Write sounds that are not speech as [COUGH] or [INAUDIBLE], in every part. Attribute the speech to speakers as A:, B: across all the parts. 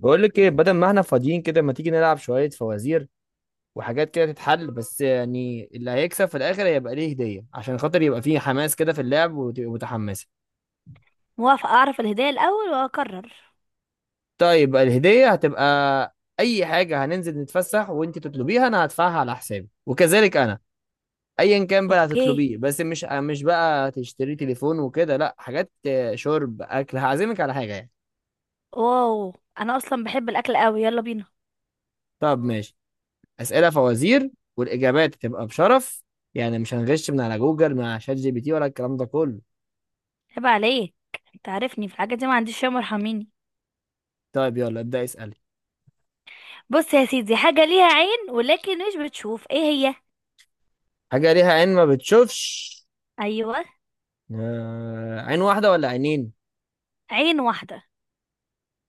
A: بقول لك ايه، بدل ما احنا فاضيين كده، ما تيجي نلعب شوية فوازير وحاجات كده تتحل؟ بس يعني اللي هيكسب في الاخر هيبقى ليه هدية، عشان خاطر يبقى فيه حماس كده في اللعب وتبقى متحمسة.
B: موافقة، اعرف الهدايا الاول واقرر.
A: طيب بقى الهدية هتبقى اي حاجة، هننزل نتفسح وانت تطلبيها، انا هدفعها على حسابي. وكذلك انا، ايا كان بقى
B: اوكي.
A: هتطلبيه، بس مش بقى تشتري تليفون وكده، لا حاجات، شرب اكل، هعزمك على حاجة يعني.
B: واو. انا اصلا بحب الاكل قوي، يلا بينا.
A: طب ماشي. اسئله فوازير، والاجابات تبقى بشرف، يعني مش هنغش من على جوجل مع شات GPT ولا الكلام ده كله.
B: عيب عليك. انت عارفني في الحاجات دي، ما عنديش يوم، ارحميني.
A: طيب يلا ابدا اسالي.
B: بص يا سيدي، حاجة ليها عين ولكن مش بتشوف، ايه هي؟
A: حاجه ليها عين ما بتشوفش.
B: ايوه.
A: عين واحده ولا عينين؟
B: عين واحدة.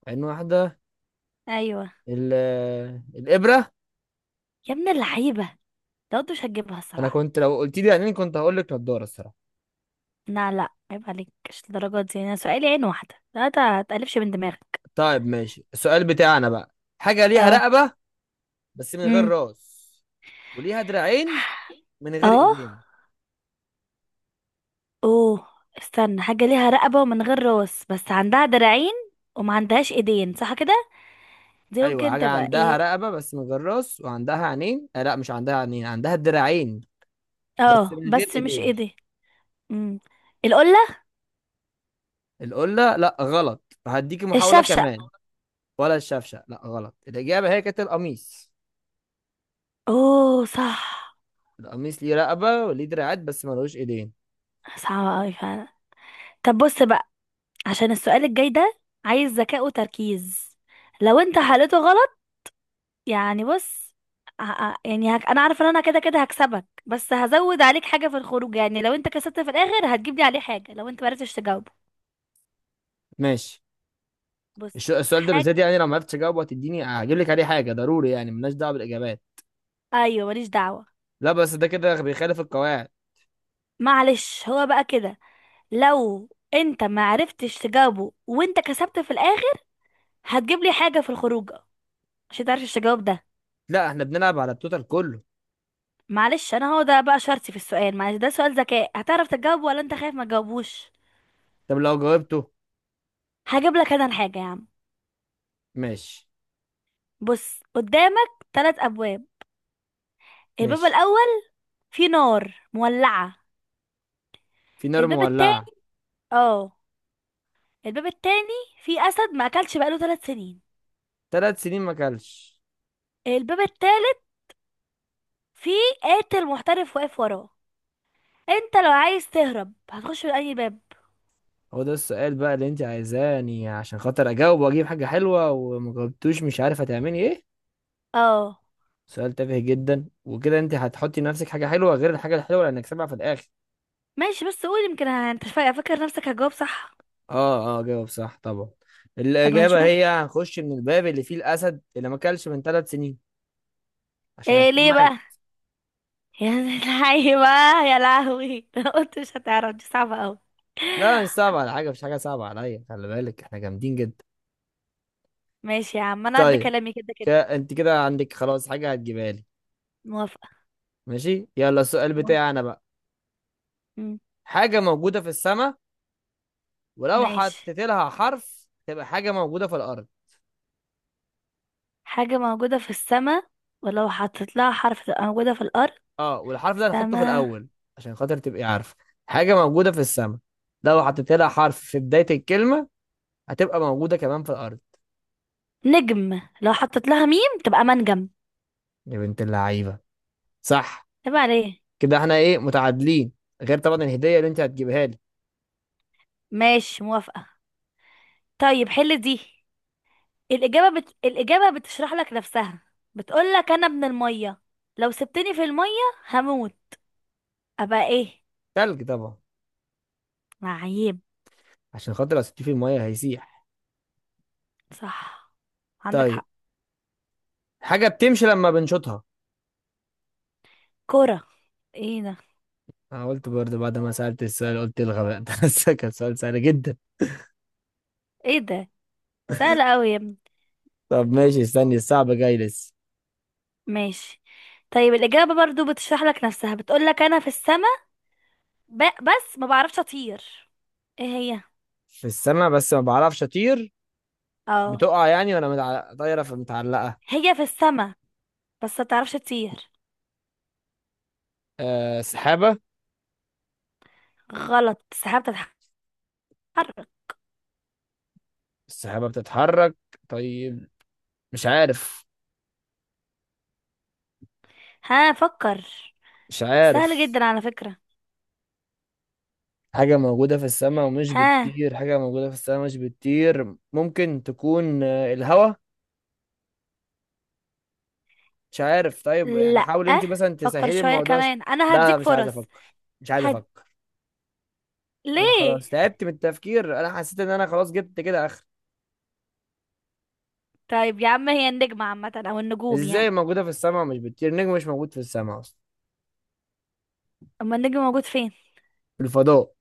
A: عين واحده.
B: ايوه.
A: ال... الابره.
B: يا ابن اللعيبة! لو انت مش هتجيبها
A: انا
B: الصراحة.
A: كنت لو قلت لي عينين كنت هقول لك نضاره الصراحه.
B: لا لا، عيب عليك، مش الدرجات دي، انا سؤالي عين واحدة، لا. تقلبش من دماغك.
A: طيب ماشي، السؤال بتاعنا بقى: حاجه ليها
B: اه.
A: رقبه بس من غير
B: امم.
A: راس، وليها دراعين من غير
B: اه.
A: ايدين.
B: اوه. استنى، حاجة ليها رقبة ومن غير راس بس عندها دراعين، وما عندهاش ايدين، صح كده؟ دي
A: ايوه،
B: ممكن
A: حاجه
B: تبقى
A: عندها
B: ايه؟
A: رقبه بس من غير راس وعندها عينين، آه لا، مش عندها عينين، عندها دراعين بس
B: اه
A: من غير
B: بس مش
A: ايدين.
B: ايدين. امم. القلة.
A: القلة؟ لا غلط، هديكي محاولة
B: الشفشق.
A: كمان. ولا الشفشة؟ لا غلط. الإجابة هي كانت القميص.
B: اوه، صح.
A: القميص ليه رقبة وليه دراعات بس ملوش ايدين.
B: صعبة اوي فعلا. طب بص بقى، عشان السؤال الجاي ده عايز ذكاء وتركيز. لو انت حلته غلط، يعني بص، انا عارفه ان انا كده كده هكسبك، بس هزود عليك حاجه في الخروج، يعني لو انت كسبت في الاخر هتجيب لي عليه حاجه لو انت ما عرفتش تجاوبه.
A: ماشي.
B: بص.
A: السؤال ده بالذات، يعني لو ما عرفتش اجاوبه هتديني، هجيب لك عليه حاجة ضروري؟ يعني ملناش دعوة بالإجابات.
B: ايوه، ماليش دعوه.
A: لا بس ده كده بيخالف القواعد.
B: معلش، هو بقى كده، لو انت ما عرفتش تجاوبه وانت كسبت في الاخر هتجيب لي حاجه في الخروج، عشان تعرفش تجاوب ده.
A: لا احنا بنلعب على التوتال كله.
B: معلش، انا هو ده بقى شرطي في السؤال، معلش ده سؤال ذكاء، هتعرف تجاوبه ولا انت خايف ما تجاوبوش؟
A: طب لو جاوبته؟
B: هجيب لك انا الحاجه يا عم.
A: ماشي.
B: بص، قدامك 3 ابواب. الباب
A: ماشي.
B: الاول فيه نار مولعه.
A: في نار
B: الباب
A: مولعة.
B: التاني. اه. الباب التاني فيه اسد ما اكلش بقاله 3 سنين.
A: 3 سنين ما كلش.
B: الباب التالت فيه قاتل محترف واقف وراه. انت لو عايز تهرب هتخش من اي باب؟
A: هو ده السؤال بقى اللي انت عايزاني عشان خاطر اجاوب واجيب حاجة حلوة، وما جاوبتوش مش عارف هتعملي ايه.
B: اه
A: سؤال تافه جدا، وكده انت هتحطي لنفسك حاجة حلوة غير الحاجة الحلوة اللي هنكسبها في الاخر.
B: ماشي، بس قول، يمكن انت فاكر نفسك هتجاوب صح؟
A: اه اه، جاوب صح طبعا.
B: طب
A: الاجابة
B: هنشوف.
A: هي هنخش من الباب اللي فيه الاسد اللي ما اكلش من 3 سنين، عشان
B: ايه
A: هيكون
B: ليه
A: مات.
B: بقى؟ [LAUGHS] يا لهوي بقى يا لهوي، [LAUGHS] انا قلت مش هتعرف، دي صعبة قوي.
A: لا مش صعب على حاجة، مش حاجة صعبة عليا، خلي بالك احنا جامدين جدا.
B: ماشي يا عم، انا قد
A: طيب.
B: كلامي كده كده.
A: انت كده عندك خلاص حاجة هتجيبها لي.
B: موافقة.
A: ماشي، يلا السؤال
B: مو-
A: بتاعي انا بقى.
B: مم.
A: حاجة موجودة في السماء، ولو
B: ماشي،
A: حطيت لها حرف تبقى حاجة موجودة في الأرض.
B: حاجة موجودة في السماء ولو حطيت لها حرف تبقى موجودة في الأرض.
A: اه، والحرف ده هنحطه في
B: سما.
A: الأول، عشان خاطر تبقي عارفة. حاجة موجودة في السماء، لو حطيت لها حرف في بداية الكلمة هتبقى موجودة كمان في الأرض.
B: نجم، لو حطيت لها ميم تبقى منجم.
A: يا بنت اللعيبة! صح.
B: تبقى عليه.
A: كده احنا ايه، متعادلين، غير طبعا الهدية اللي انت هتجيبها لي.
B: ماشي، موافقة. طيب، حل دي. الإجابة بتشرح لك نفسها، بتقول لك أنا ابن المية، لو سبتني في المية هموت، أبقى إيه؟
A: تلج طبعا.
B: معيب.
A: عشان خاطر لو سبتيه في المية هيسيح.
B: صح، عندك
A: طيب،
B: حق.
A: حاجة بتمشي لما بنشوطها.
B: كرة. إيه ده!
A: انا قلت برضه بعد ما سألت السؤال، قلت الغباء ده [LAUGHS] بس كان سؤال سهل جدا.
B: إيه ده، سهل أوي يا ابني!
A: طب ماشي، استني الصعب جاي لسه.
B: ماشي. طيب، الإجابة برضو بتشرح لك نفسها، بتقول لك أنا في السما بس ما بعرفش أطير، إيه هي؟
A: في السماء بس ما بعرفش اطير.
B: اه.
A: بتقع يعني، وانا طايره في، متعلقه.
B: هي في السما بس ما بتعرفش تطير.
A: سحابه.
B: غلط، السحاب بتتحرك.
A: السحابه بتتحرك. طيب، مش عارف،
B: ها، فكر.
A: مش
B: سهل
A: عارف.
B: جدا على فكرة.
A: حاجه موجوده في السماء ومش
B: ها.
A: بتطير، حاجه موجوده في السماء مش بتطير، ممكن تكون الهوا. مش عارف. طيب يعني
B: لأ،
A: حاول انت مثلا
B: فكر
A: تسهلي
B: شوية
A: الموضوع.
B: كمان، أنا
A: لا
B: هديك
A: مش عايز
B: فرص.
A: افكر، مش عايز
B: هد...
A: افكر، انا
B: ليه؟
A: خلاص تعبت من التفكير، انا حسيت ان انا خلاص جبت كده اخر.
B: طيب يا عم، هي النجمة عامة أو النجوم
A: ازاي
B: يعني؟
A: موجوده في السماء ومش بتطير؟ نجم مش موجود في السماء اصلا.
B: أما النجم موجود فين؟
A: في الفضاء.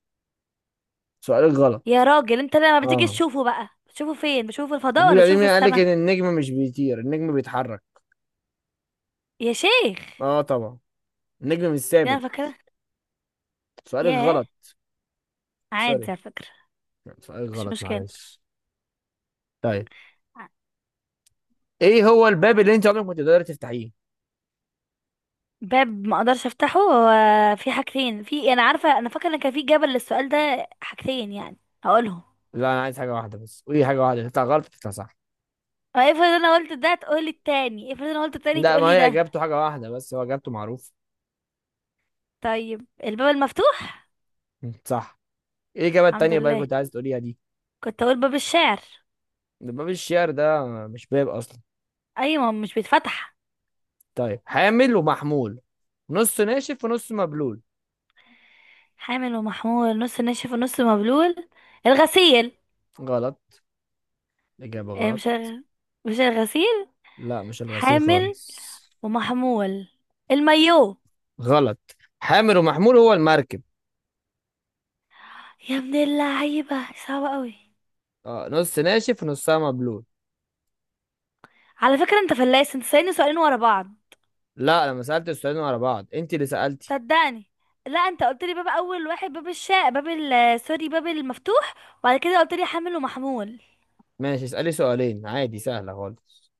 A: سؤال غلط.
B: يا راجل، أنت لما بتيجي
A: اه.
B: تشوفه بقى بتشوفه فين؟ بتشوفه في الفضاء ولا
A: مفيش عليه،
B: بتشوفه
A: مين
B: في
A: قال لك
B: السما؟
A: ان النجم مش بيطير؟ النجم بيتحرك.
B: يا شيخ!
A: اه طبعا، النجم مش
B: دي أنا
A: ثابت.
B: فاكرة.
A: سؤالك
B: ياه.
A: غلط. سوري،
B: عادي على فكرة.
A: سؤالك
B: مش
A: غلط،
B: مشكلة.
A: معلش. طيب، ايه هو الباب اللي انت عمرك ما تقدري تفتحيه؟
B: باب ما اقدرش افتحه، هو في حاجتين، انا عارفه، انا فاكره ان كان في جبل للسؤال ده حاجتين يعني، هقولهم.
A: لا انا عايز حاجه واحده بس. وايه، حاجه واحده تطلع غلط تطلع صح؟
B: اه، افرض انا قلت ده تقولي التاني، افرض انا قلت التاني
A: لا ما
B: تقولي
A: هي
B: ده.
A: اجابته حاجه واحده بس، هو اجابته معروف.
B: طيب، الباب المفتوح.
A: صح. ايه الاجابه
B: الحمد
A: التانيه بقى اللي
B: لله،
A: كنت عايز تقوليها دي؟
B: كنت اقول باب الشعر.
A: ده باب الشعر، ده مش باب اصلا.
B: ايوه، مش بيتفتح.
A: طيب، حامل ومحمول، نص ناشف ونص مبلول.
B: حامل ومحمول، نص ناشف ونص مبلول. الغسيل.
A: غلط، اجابه
B: إيه
A: غلط.
B: مش الغسيل.
A: لا مش الغسيل
B: حامل
A: خالص.
B: ومحمول، المايو.
A: غلط، حامل ومحمول هو المركب.
B: يا ابن اللعيبه، صعبه قوي.
A: اه، نص ناشف ونصها مبلول.
B: على فكره انت فلاس، انت سألني سؤالين ورا بعض.
A: لا، لما سألت السؤالين ورا بعض انت اللي سألتي.
B: صدقني، لا انت قلت لي باب اول واحد، باب الشاء، باب ال، سوري، باب المفتوح، وبعد كده قلت لي حامل ومحمول.
A: ماشي اسألي سؤالين عادي، سهلة خالص.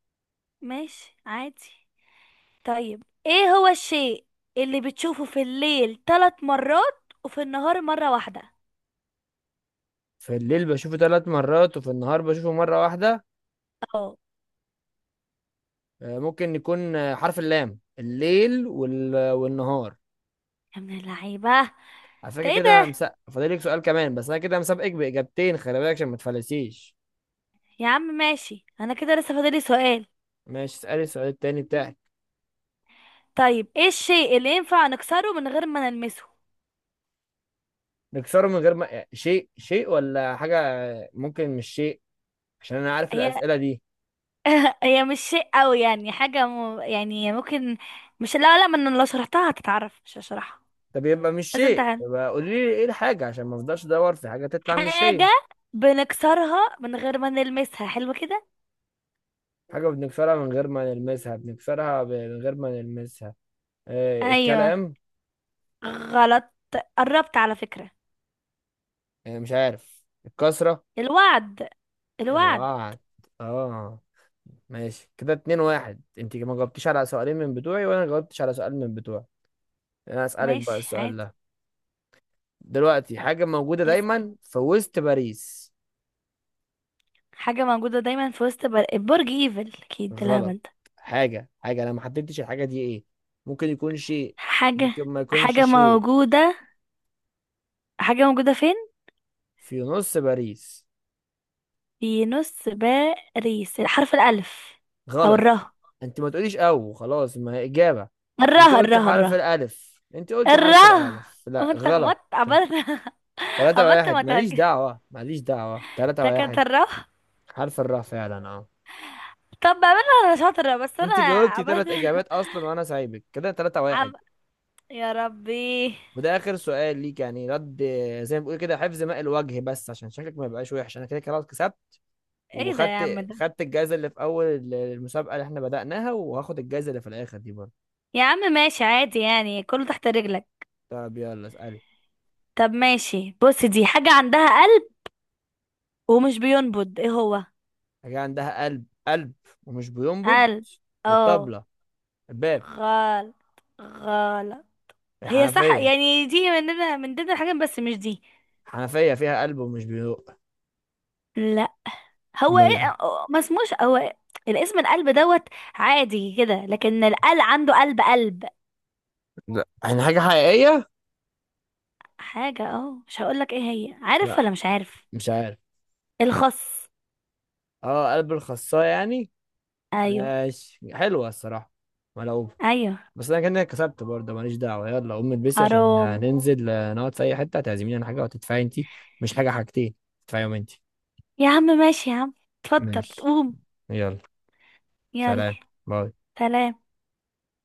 B: ماشي عادي. طيب، ايه هو الشيء اللي بتشوفه في الليل 3 مرات وفي النهار مرة واحدة؟
A: في الليل بشوفه 3 مرات وفي النهار بشوفه مرة واحدة.
B: اه.
A: ممكن يكون، حرف اللام، الليل والنهار.
B: يا ابن اللعيبة!
A: على فكرة
B: ده ايه
A: كده انا
B: ده؟
A: مسقف، فاضلك سؤال كمان، بس انا كده مسابقك بإجابتين، خلي بالك عشان ما تفلسيش.
B: يا عم ماشي، انا كده لسه فاضلي سؤال.
A: ماشي اسألي السؤال التاني بتاعك.
B: طيب، ايه الشيء اللي ينفع نكسره من غير ما نلمسه؟
A: نكسره من غير ما، شيء ولا حاجة، ممكن مش شيء، عشان انا عارف
B: هي،
A: الأسئلة دي.
B: [LAUGHS] هي مش شيء قوي، يعني حاجة يعني ممكن. مش، لا لا، ما انا لو شرحتها هتتعرف، مش هشرحها.
A: طب يبقى مش
B: لازم
A: شيء،
B: تعلم.
A: يبقى قولي لي ايه الحاجة عشان ما افضلش ادور في حاجة تطلع مش هي.
B: حاجة بنكسرها من غير ما نلمسها، حلو كده.
A: حاجة بنكسرها من غير ما نلمسها، بنكسرها من غير ما نلمسها.
B: ايوه.
A: الكلام.
B: غلط، قربت على فكرة.
A: مش عارف، الكسرة.
B: الوعد. الوعد.
A: الوعد. اه. ماشي، كده 2-1، انت ما جاوبتيش على سؤالين من بتوعي، وانا جاوبتش على سؤال من بتوعي. انا اسألك بقى
B: ماشي
A: السؤال
B: عادي.
A: ده دلوقتي: حاجة موجودة
B: اسأل.
A: دايما في وسط باريس.
B: حاجة موجودة دايما في وسط برج ايفل اكيد، ده
A: غلط.
B: الهبل ده.
A: حاجة، انا ما حددتش الحاجة دي ايه، ممكن يكون شيء،
B: حاجة،
A: ممكن ما يكونش
B: حاجة
A: شيء.
B: موجودة، حاجة موجودة فين؟
A: في نص باريس.
B: في نص باريس، حرف الألف، أو
A: غلط،
B: الره.
A: انت ما تقوليش او، خلاص ما هي اجابه.
B: الره،
A: انت قلتي
B: الره. الره،
A: حرف الالف، انت قلتي
B: الره.
A: حرف الالف، لا
B: أما أنت
A: غلط.
B: خبطت، عبلت!
A: تلاتة
B: عبلت، [LAUGHS] ما
A: واحد ماليش
B: تهج.
A: دعوة، ماليش دعوة، تلاتة
B: ده كانت
A: واحد.
B: الره.
A: حرف الراء فعلا، اه.
B: طب بعملها أنا شاطرة، بس أنا
A: انت جاوبتي
B: عبلت.
A: 3 اجابات اصلا، وانا سايبك كده 3-1.
B: عم... [LAUGHS] يا ربي.
A: وده اخر سؤال ليك يعني، رد. زي ما بقول كده، حفظ ماء الوجه، بس عشان شكلك ما يبقاش وحش، انا كده كده خلاص كسبت.
B: ايه ده يا عم
A: وخدت
B: ده؟
A: خدت الجايزة اللي في اول المسابقة اللي احنا بدأناها، وهاخد الجايزة اللي في الاخر دي برضه.
B: يا عم ماشي عادي، يعني كله تحت رجلك.
A: طب يلا اسألي.
B: طب ماشي، بص، دي حاجة عندها قلب ومش بينبض، ايه هو؟
A: حاجة عندها قلب ومش بينبض.
B: قلب. اه.
A: الطبلة. الباب.
B: غلط. غلط. هي صح
A: الحنفية.
B: يعني، دي مننا من ضمن الحاجات، بس مش دي.
A: الحنفية فيها قلب ومش بيدق.
B: لا. هو
A: أمال إيه؟
B: ايه؟ ما اسموش هو إيه؟ الاسم القلب دوت. عادي كده، لكن القلب عنده قلب قلب.
A: لا يعني حاجة حقيقية؟
B: حاجة، اه، مش هقولك ايه هي، عارف
A: لا،
B: ولا مش عارف؟
A: مش عارف.
B: الخص.
A: اه، قلب الخصاية يعني.
B: ايوه.
A: ماشي، حلوة الصراحة، ملعوبة.
B: ايوه.
A: بس أنا كده كسبت برضه، ماليش دعوة. يلا قوم البسي، عشان
B: حرام!
A: ننزل، نقعد في أي حتة، هتعزميني على حاجة وتدفعي أنتي، مش حاجة، حاجتين، تدفعيهم أنتي.
B: يا عم ماشي يا عم. اتفضل،
A: ماشي،
B: قوم.
A: يلا.
B: يلا.
A: سلام. باي.
B: سلام.